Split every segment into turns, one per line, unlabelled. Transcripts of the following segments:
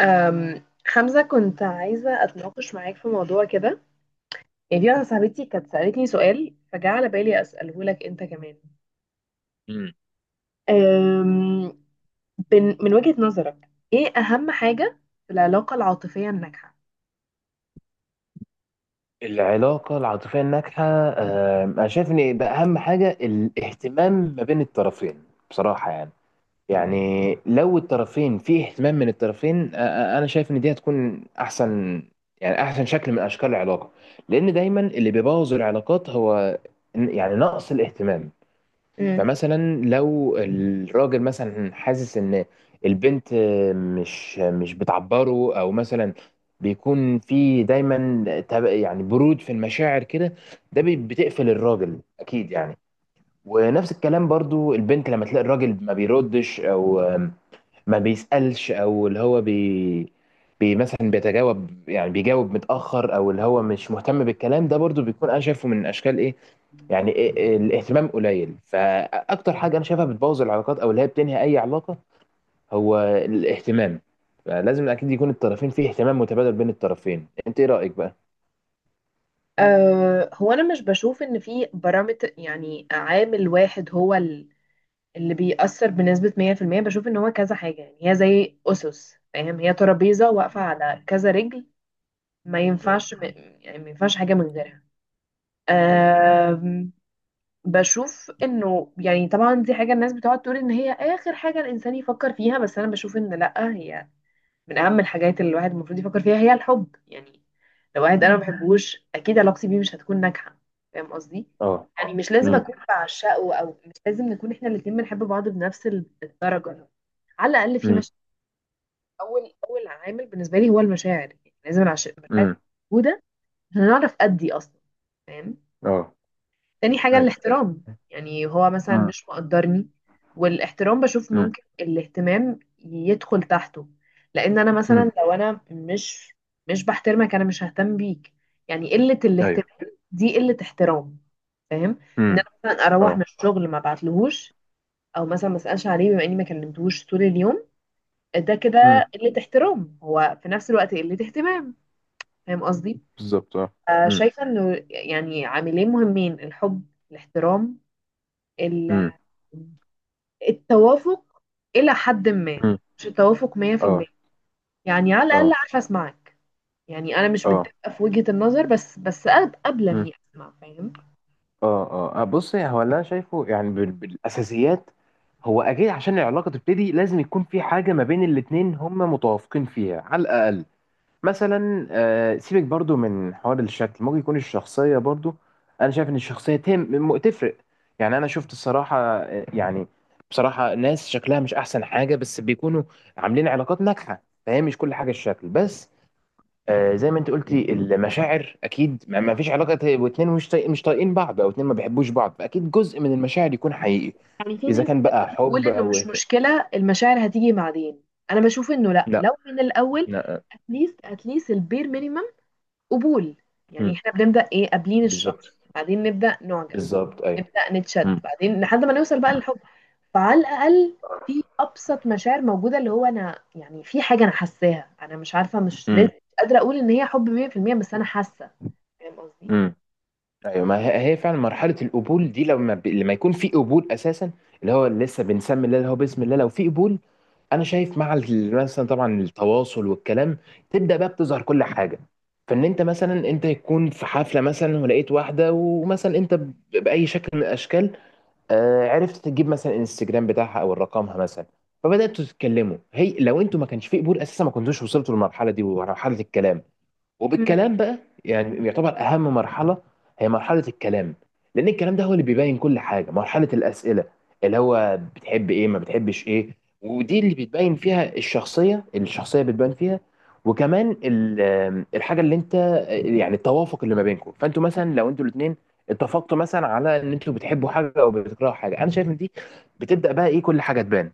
حمزة كنت عايزة أتناقش معاك في موضوع كده. يعني دي واحدة صاحبتي كانت سألتني سؤال فجاء على بالي أسأله لك أنت كمان.
مم.
أم، من وجهة نظرك إيه أهم حاجة في العلاقة العاطفية الناجحة؟
العلاقة العاطفية الناجحة أنا شايف إن ده أهم حاجة الاهتمام ما بين الطرفين بصراحة. يعني لو الطرفين في اهتمام من الطرفين، أنا شايف إن دي هتكون أحسن، يعني أحسن شكل من أشكال العلاقة. لأن دايما اللي بيبوظ العلاقات هو يعني نقص الاهتمام.
مم.
فمثلا لو الراجل مثلا حاسس ان البنت مش بتعبره، او مثلا بيكون في دايما يعني برود في المشاعر كده، ده بتقفل الراجل اكيد يعني. ونفس الكلام برضو البنت لما تلاقي الراجل ما بيردش او ما بيسألش، او اللي هو بي مثلا بيتجاوب، يعني بيجاوب متأخر، او اللي هو مش مهتم بالكلام ده، برضو بيكون انا شايفه من اشكال ايه، يعني إيه الاهتمام قليل. فاكتر حاجه انا شايفها بتبوظ العلاقات او اللي هي بتنهي اي علاقه هو الاهتمام، فلازم اكيد يكون الطرفين فيه اهتمام متبادل بين الطرفين. انت ايه رايك بقى؟
أه هو أنا مش بشوف إن في بارامتر، يعني عامل واحد هو اللي بيأثر بنسبة 100%. بشوف إن هو كذا حاجة، يعني هي زي أسس، فاهم، هي ترابيزة واقفة
مم.
على كذا رجل. ما
مم.
ينفعش، يعني ما ينفعش حاجة من غيرها.
مم.
أم، بشوف انه يعني طبعا دي حاجة الناس بتقعد تقول ان هي اخر حاجة الانسان يفكر فيها، بس انا بشوف ان لا، هي من اهم الحاجات اللي الواحد المفروض يفكر فيها هي الحب. يعني لو واحد انا ما
مم.
بحبوش اكيد علاقتي بيه مش هتكون ناجحة. فاهم قصدي؟
اه.
يعني مش لازم
مم.
اكون بعشقه او مش لازم نكون احنا الاتنين بنحب بعض بنفس الدرجة، على الاقل في
مم.
مشاعر. اول عامل بالنسبة لي هو المشاعر، يعني لازم المشاعر تكون
مم.
موجودة عشان نعرف ادي اصلا. فاهم.
اه.
تاني حاجة
ايوه.
الاحترام، يعني هو مثلا
مم.
مش مقدرني. والاحترام بشوف
مم.
ممكن الاهتمام يدخل تحته. لأن أنا مثلا
مم.
لو أنا مش بحترمك أنا مش ههتم بيك. يعني قلة
ايوه.
الاهتمام دي قلة احترام. فاهم. إن أنا
مم.
مثلا أروح
اه.
من الشغل ما بعتلهوش أو مثلا ما أسألش عليه بما إني ما كلمتهوش طول اليوم، ده كده
مم.
قلة احترام، هو في نفس الوقت قلة اهتمام. فاهم قصدي؟
بالظبط اه.
آه،
مم.
شايفة إنه يعني عاملين مهمين، الحب، الاحترام، ال-
مم.
التوافق إلى حد ما،
مم.
مش التوافق 100%.
اه،
يعني على الأقل
اه،
عارفة أسمعك، يعني أنا مش
اه،
متفقة في وجهة النظر، بس قابلة إني أسمع. فاهم.
اه، اه، بص هو اللي انا شايفه يعني بالاساسيات، هو اكيد عشان العلاقه تبتدي لازم يكون في حاجه ما بين الاتنين هما متوافقين فيها على الاقل. مثلا، سيبك برضو من حوار الشكل، ممكن يكون الشخصيه برضو، انا شايف ان الشخصيه تهم، تفرق. يعني انا شفت الصراحه، يعني بصراحه ناس شكلها مش احسن حاجه بس بيكونوا عاملين علاقات ناجحه، فهي مش كل حاجه الشكل بس. زي ما انت قلتي المشاعر اكيد، ما فيش علاقه واتنين مش طايقين بعض، او اتنين ما بيحبوش بعض، فاكيد جزء من المشاعر يكون حقيقي.
يعني في
اذا
ناس
كان بقى
بتقول
حب
إنه
او
مش مشكلة المشاعر هتيجي بعدين، أنا بشوف إنه لأ، لو
لا.
من الأول
لا.
أتليست البير مينيمم قبول. يعني
مم.
إحنا بنبدأ إيه، قابلين
بالظبط.
الشخص، بعدين نبدأ نعجب،
بالظبط ايوه.
نبدأ نتشد،
مم.
بعدين لحد ما نوصل بقى للحب. فعلى الاقل في ابسط مشاعر موجوده، اللي هو انا يعني في حاجه انا حاساها، انا مش عارفه، مش لازم،
مم.
مش قادره اقول ان هي حب 100%، بس انا حاسه. فاهم قصدي.
مم. ايوه، ما هي هي فعلا مرحله القبول دي، لما لما يكون في قبول اساسا، اللي هو لسه بنسمي الله، اللي هو بسم الله لو في قبول. انا شايف مع مثلا طبعا التواصل والكلام تبدا بقى بتظهر كل حاجه. فان انت مثلا، انت يكون في حفله مثلا ولقيت واحده، ومثلا انت باي شكل من الاشكال، عرفت تجيب مثلا الانستجرام بتاعها او رقمها مثلا، فبداتوا تتكلموا. هي لو انتوا ما كانش في قبول اساسا ما كنتوش وصلتوا للمرحله دي ومرحله الكلام.
مم.
وبالكلام بقى يعني يعتبر اهم مرحله هي مرحله الكلام، لان الكلام ده هو اللي بيبين كل حاجه. مرحله الاسئله اللي هو بتحب ايه، ما بتحبش ايه، ودي اللي بتبين فيها الشخصيه، الشخصيه بتبان فيها. وكمان الحاجه اللي انت، يعني التوافق اللي ما بينكم. فانتوا مثلا لو انتوا الاثنين اتفقتوا مثلا على ان انتوا بتحبوا حاجه او بتكرهوا حاجه، انا شايف ان دي بتبدا بقى ايه، كل حاجه تبان.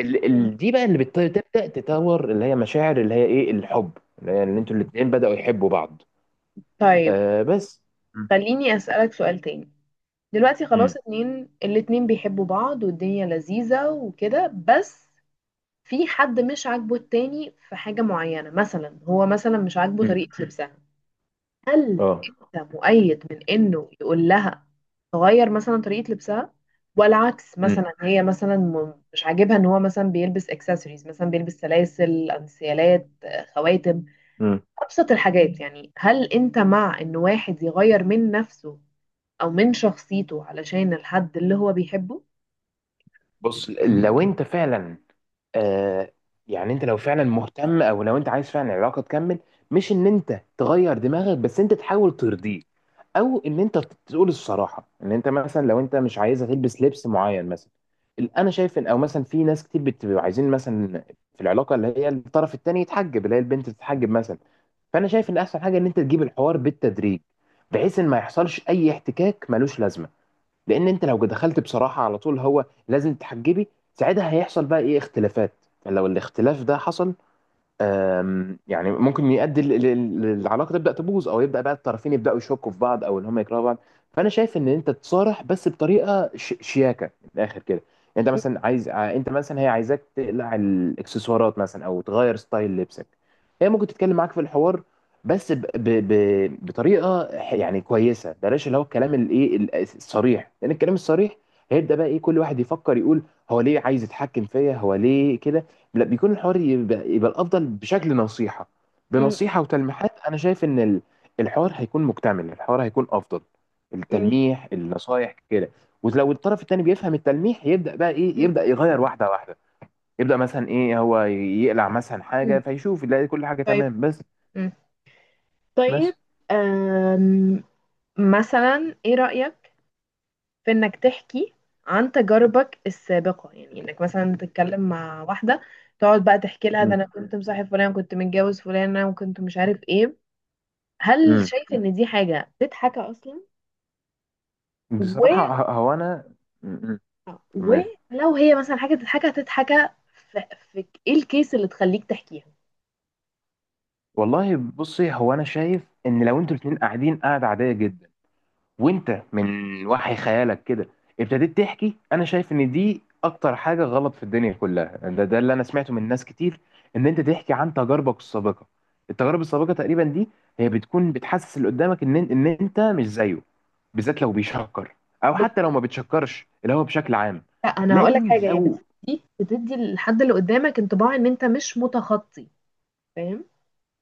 مم.
دي بقى اللي بتبدا تطور، اللي هي مشاعر، اللي هي ايه الحب، اللي هي ان انتوا الاتنين بداوا يحبوا بعض.
طيب،
آه بس. مم.
خليني أسألك سؤال تاني. دلوقتي
مم.
خلاص اتنين، الاتنين بيحبوا بعض والدنيا لذيذة وكده، بس في حد مش عاجبه التاني في حاجة معينة، مثلا هو مثلا مش عاجبه
مم.
طريقة لبسها. هل
اه.
انت مؤيد من انه يقول لها تغير مثلا طريقة لبسها؟ ولا عكس،
مم.
مثلا هي مثلا مش عاجبها ان هو مثلا بيلبس اكسسوارز، مثلا بيلبس سلاسل انسيالات، خواتم،
مم.
ابسط
مم.
الحاجات. يعني هل انت مع ان واحد يغير من نفسه او من شخصيته علشان الحد اللي هو بيحبه؟
بص لو انت فعلا، آه يعني انت لو فعلا مهتم، او لو انت عايز فعلا العلاقه تكمل، مش ان انت تغير دماغك، بس انت تحاول ترضيه، او ان انت تقول الصراحه ان انت مثلا لو انت مش عايزه تلبس لبس معين مثلا. انا شايف ان، او مثلا في ناس كتير بتبقى عايزين مثلا في العلاقه اللي هي الطرف التاني يتحجب، اللي هي البنت تتحجب مثلا. فانا شايف ان احسن حاجه ان انت تجيب الحوار بالتدريج، بحيث ان ما يحصلش اي احتكاك ملوش لازمه. لان انت لو دخلت بصراحه على طول، هو لازم تحجبي، ساعتها هيحصل بقى ايه اختلافات. يعني لو الاختلاف ده حصل، يعني ممكن يؤدي العلاقه تبدا تبوظ، او يبدا بقى الطرفين يبداوا يشكوا في بعض، او ان هم يكرهوا بعض. فانا شايف ان انت تصارح، بس بطريقه شياكه من الاخر كده. انت
م-
مثلا عايز انت مثلا هي عايزاك تقلع الاكسسوارات مثلا او تغير ستايل لبسك، هي ممكن تتكلم معاك في الحوار، بس بطريقه يعني كويسه. بلاش اللي هو الكلام الايه الصريح، لان الكلام الصريح هيبدا بقى ايه، كل واحد يفكر يقول هو ليه عايز يتحكم فيا، هو ليه كده. لا، بيكون الحوار يبقى، يبقى الافضل بشكل نصيحه،
م-
بنصيحه وتلميحات. انا شايف ان الحوار هيكون مكتمل، الحوار هيكون افضل،
م-
التلميح، النصايح كده. ولو الطرف التاني بيفهم التلميح يبدا بقى ايه،
م-
يبدا يغير واحده واحده، يبدا مثلا ايه، هو يقلع مثلا
م.
حاجه فيشوف يلاقي كل حاجه
طيب.
تمام بس.
مم. طيب.
بس.
أم، مثلا ايه رأيك في انك تحكي عن تجاربك السابقة؟ يعني انك مثلا تتكلم مع واحدة تقعد بقى تحكي لها ده
امم
انا كنت مصاحب فلان، كنت متجوز فلانة، وكنت مش عارف ايه. هل
امم
شايف ان دي حاجة تتحكى اصلا؟ و...
بصراحه هو انا، امم كمان.
ولو هي مثلا حاجة تتحكى في... في ايه الكيس اللي تخليك تحكيها؟
والله بصي، هو انا شايف ان لو انتوا الاتنين قاعدين قاعده عاديه جدا، وانت من وحي خيالك كده ابتديت تحكي، انا شايف ان دي اكتر حاجه غلط في الدنيا كلها. ده ده اللي انا سمعته من ناس كتير ان انت تحكي عن تجاربك السابقه. التجارب السابقه تقريبا دي هي بتكون بتحسس اللي قدامك ان ان انت مش زيه، بالذات لو بيشكر، او حتى لو
بت...
ما بتشكرش اللي هو بشكل عام.
لا انا هقول لك
لكن
حاجة، هي
لو
بتدي للحد اللي قدامك انطباع ان انت مش متخطي. فاهم.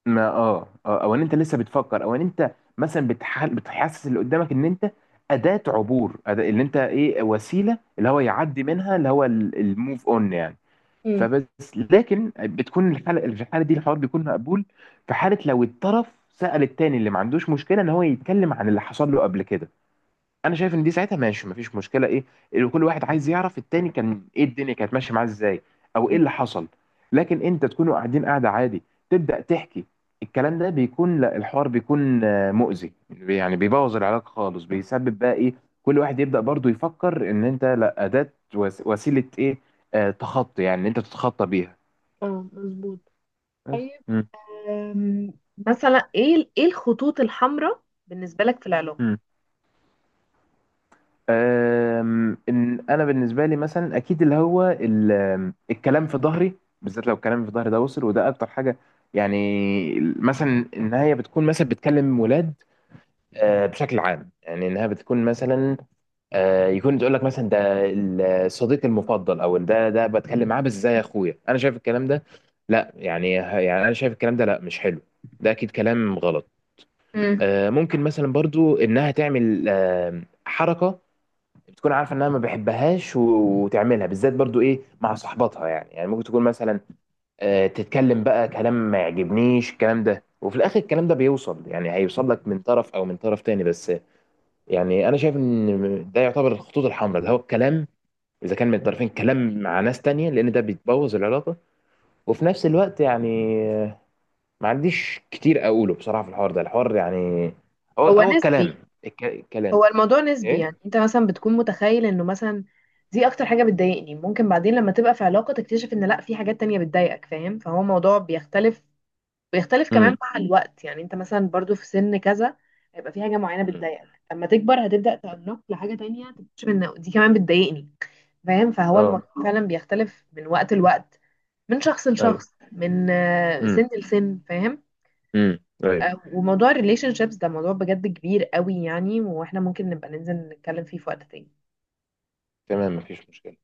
ما اه اه او ان انت لسه بتفكر، او ان انت مثلا بتحل بتحسس اللي قدامك ان انت اداه عبور، أداة، اللي انت ايه، وسيله اللي هو يعدي منها، اللي هو الموف اون يعني.
امم.
فبس، لكن بتكون الحاله في الحاله دي الحوار بيكون مقبول، في حاله لو الطرف سأل التاني اللي ما عندوش مشكله ان هو يتكلم عن اللي حصل له قبل كده. انا شايف ان دي ساعتها ماشي، مفيش مشكله ايه، اللي كل واحد عايز يعرف التاني كان ايه، الدنيا كانت ماشيه معاه ازاي، او ايه اللي حصل. لكن انت تكونوا قاعدين قاعده عادي تبدا تحكي، الكلام ده بيكون لا، الحوار بيكون مؤذي يعني، بيبوظ العلاقه خالص، بيسبب بقى ايه، كل واحد يبدا برضو يفكر ان انت لا اداه وسيله ايه، تخطي، يعني إن انت تتخطى بيها.
اه، مظبوط.
بس.
أم، مثلا ايه الخطوط الحمراء بالنسبة لك في العلاقة؟
مم. ان انا بالنسبه لي مثلا اكيد اللي هو ال- أم، الكلام في ظهري، بالذات لو الكلام في ظهري ده وصل، وده اكتر حاجه يعني. مثلا ان هي بتكون مثلا بتكلم ولاد، بشكل عام، يعني انها بتكون مثلا، يكون تقول لك مثلا ده الصديق المفضل، او ده ده بتكلم معاه بس زي اخويا. انا شايف الكلام ده لا، يعني، يعني انا شايف الكلام ده لا، مش حلو، ده اكيد كلام غلط.
امم.
ممكن مثلا برضو انها تعمل حركه بتكون عارفه انها ما بحبهاش، وتعملها بالذات برضو ايه مع صحباتها، يعني يعني ممكن تكون مثلا تتكلم بقى كلام ما يعجبنيش الكلام ده، وفي الاخر الكلام ده بيوصل يعني، هيوصل لك من طرف او من طرف تاني بس. يعني انا شايف ان ده يعتبر الخطوط الحمراء، ده هو الكلام اذا كان من الطرفين، كلام مع ناس تانية، لان ده بيتبوظ العلاقه. وفي نفس الوقت يعني ما عنديش كتير اقوله بصراحه في الحوار ده، الحوار يعني هو
هو
هو الكلام،
نسبي.
الكلام
هو الموضوع نسبي. يعني
ايه.
انت مثلا بتكون متخيل انه مثلا دي اكتر حاجة بتضايقني، ممكن بعدين لما تبقى في علاقة تكتشف ان لا، في حاجات تانية بتضايقك. فاهم. فهو موضوع بيختلف، بيختلف كمان
امم
مع الوقت. يعني انت مثلا برضو في سن كذا هيبقى في حاجة معينة بتضايقك، لما تكبر هتبدأ تنق لحاجة تانية، تكتشف ان دي كمان بتضايقني. فاهم. فهو
اه.
الموضوع فعلا بيختلف من وقت لوقت، من شخص
ايوه.
لشخص، من سن لسن. فاهم.
ايوه.
آه، وموضوع الريليشن شيبس ده موضوع بجد كبير قوي يعني، واحنا ممكن نبقى ننزل نتكلم فيه في وقت تاني.
تمام مفيش مشكلة.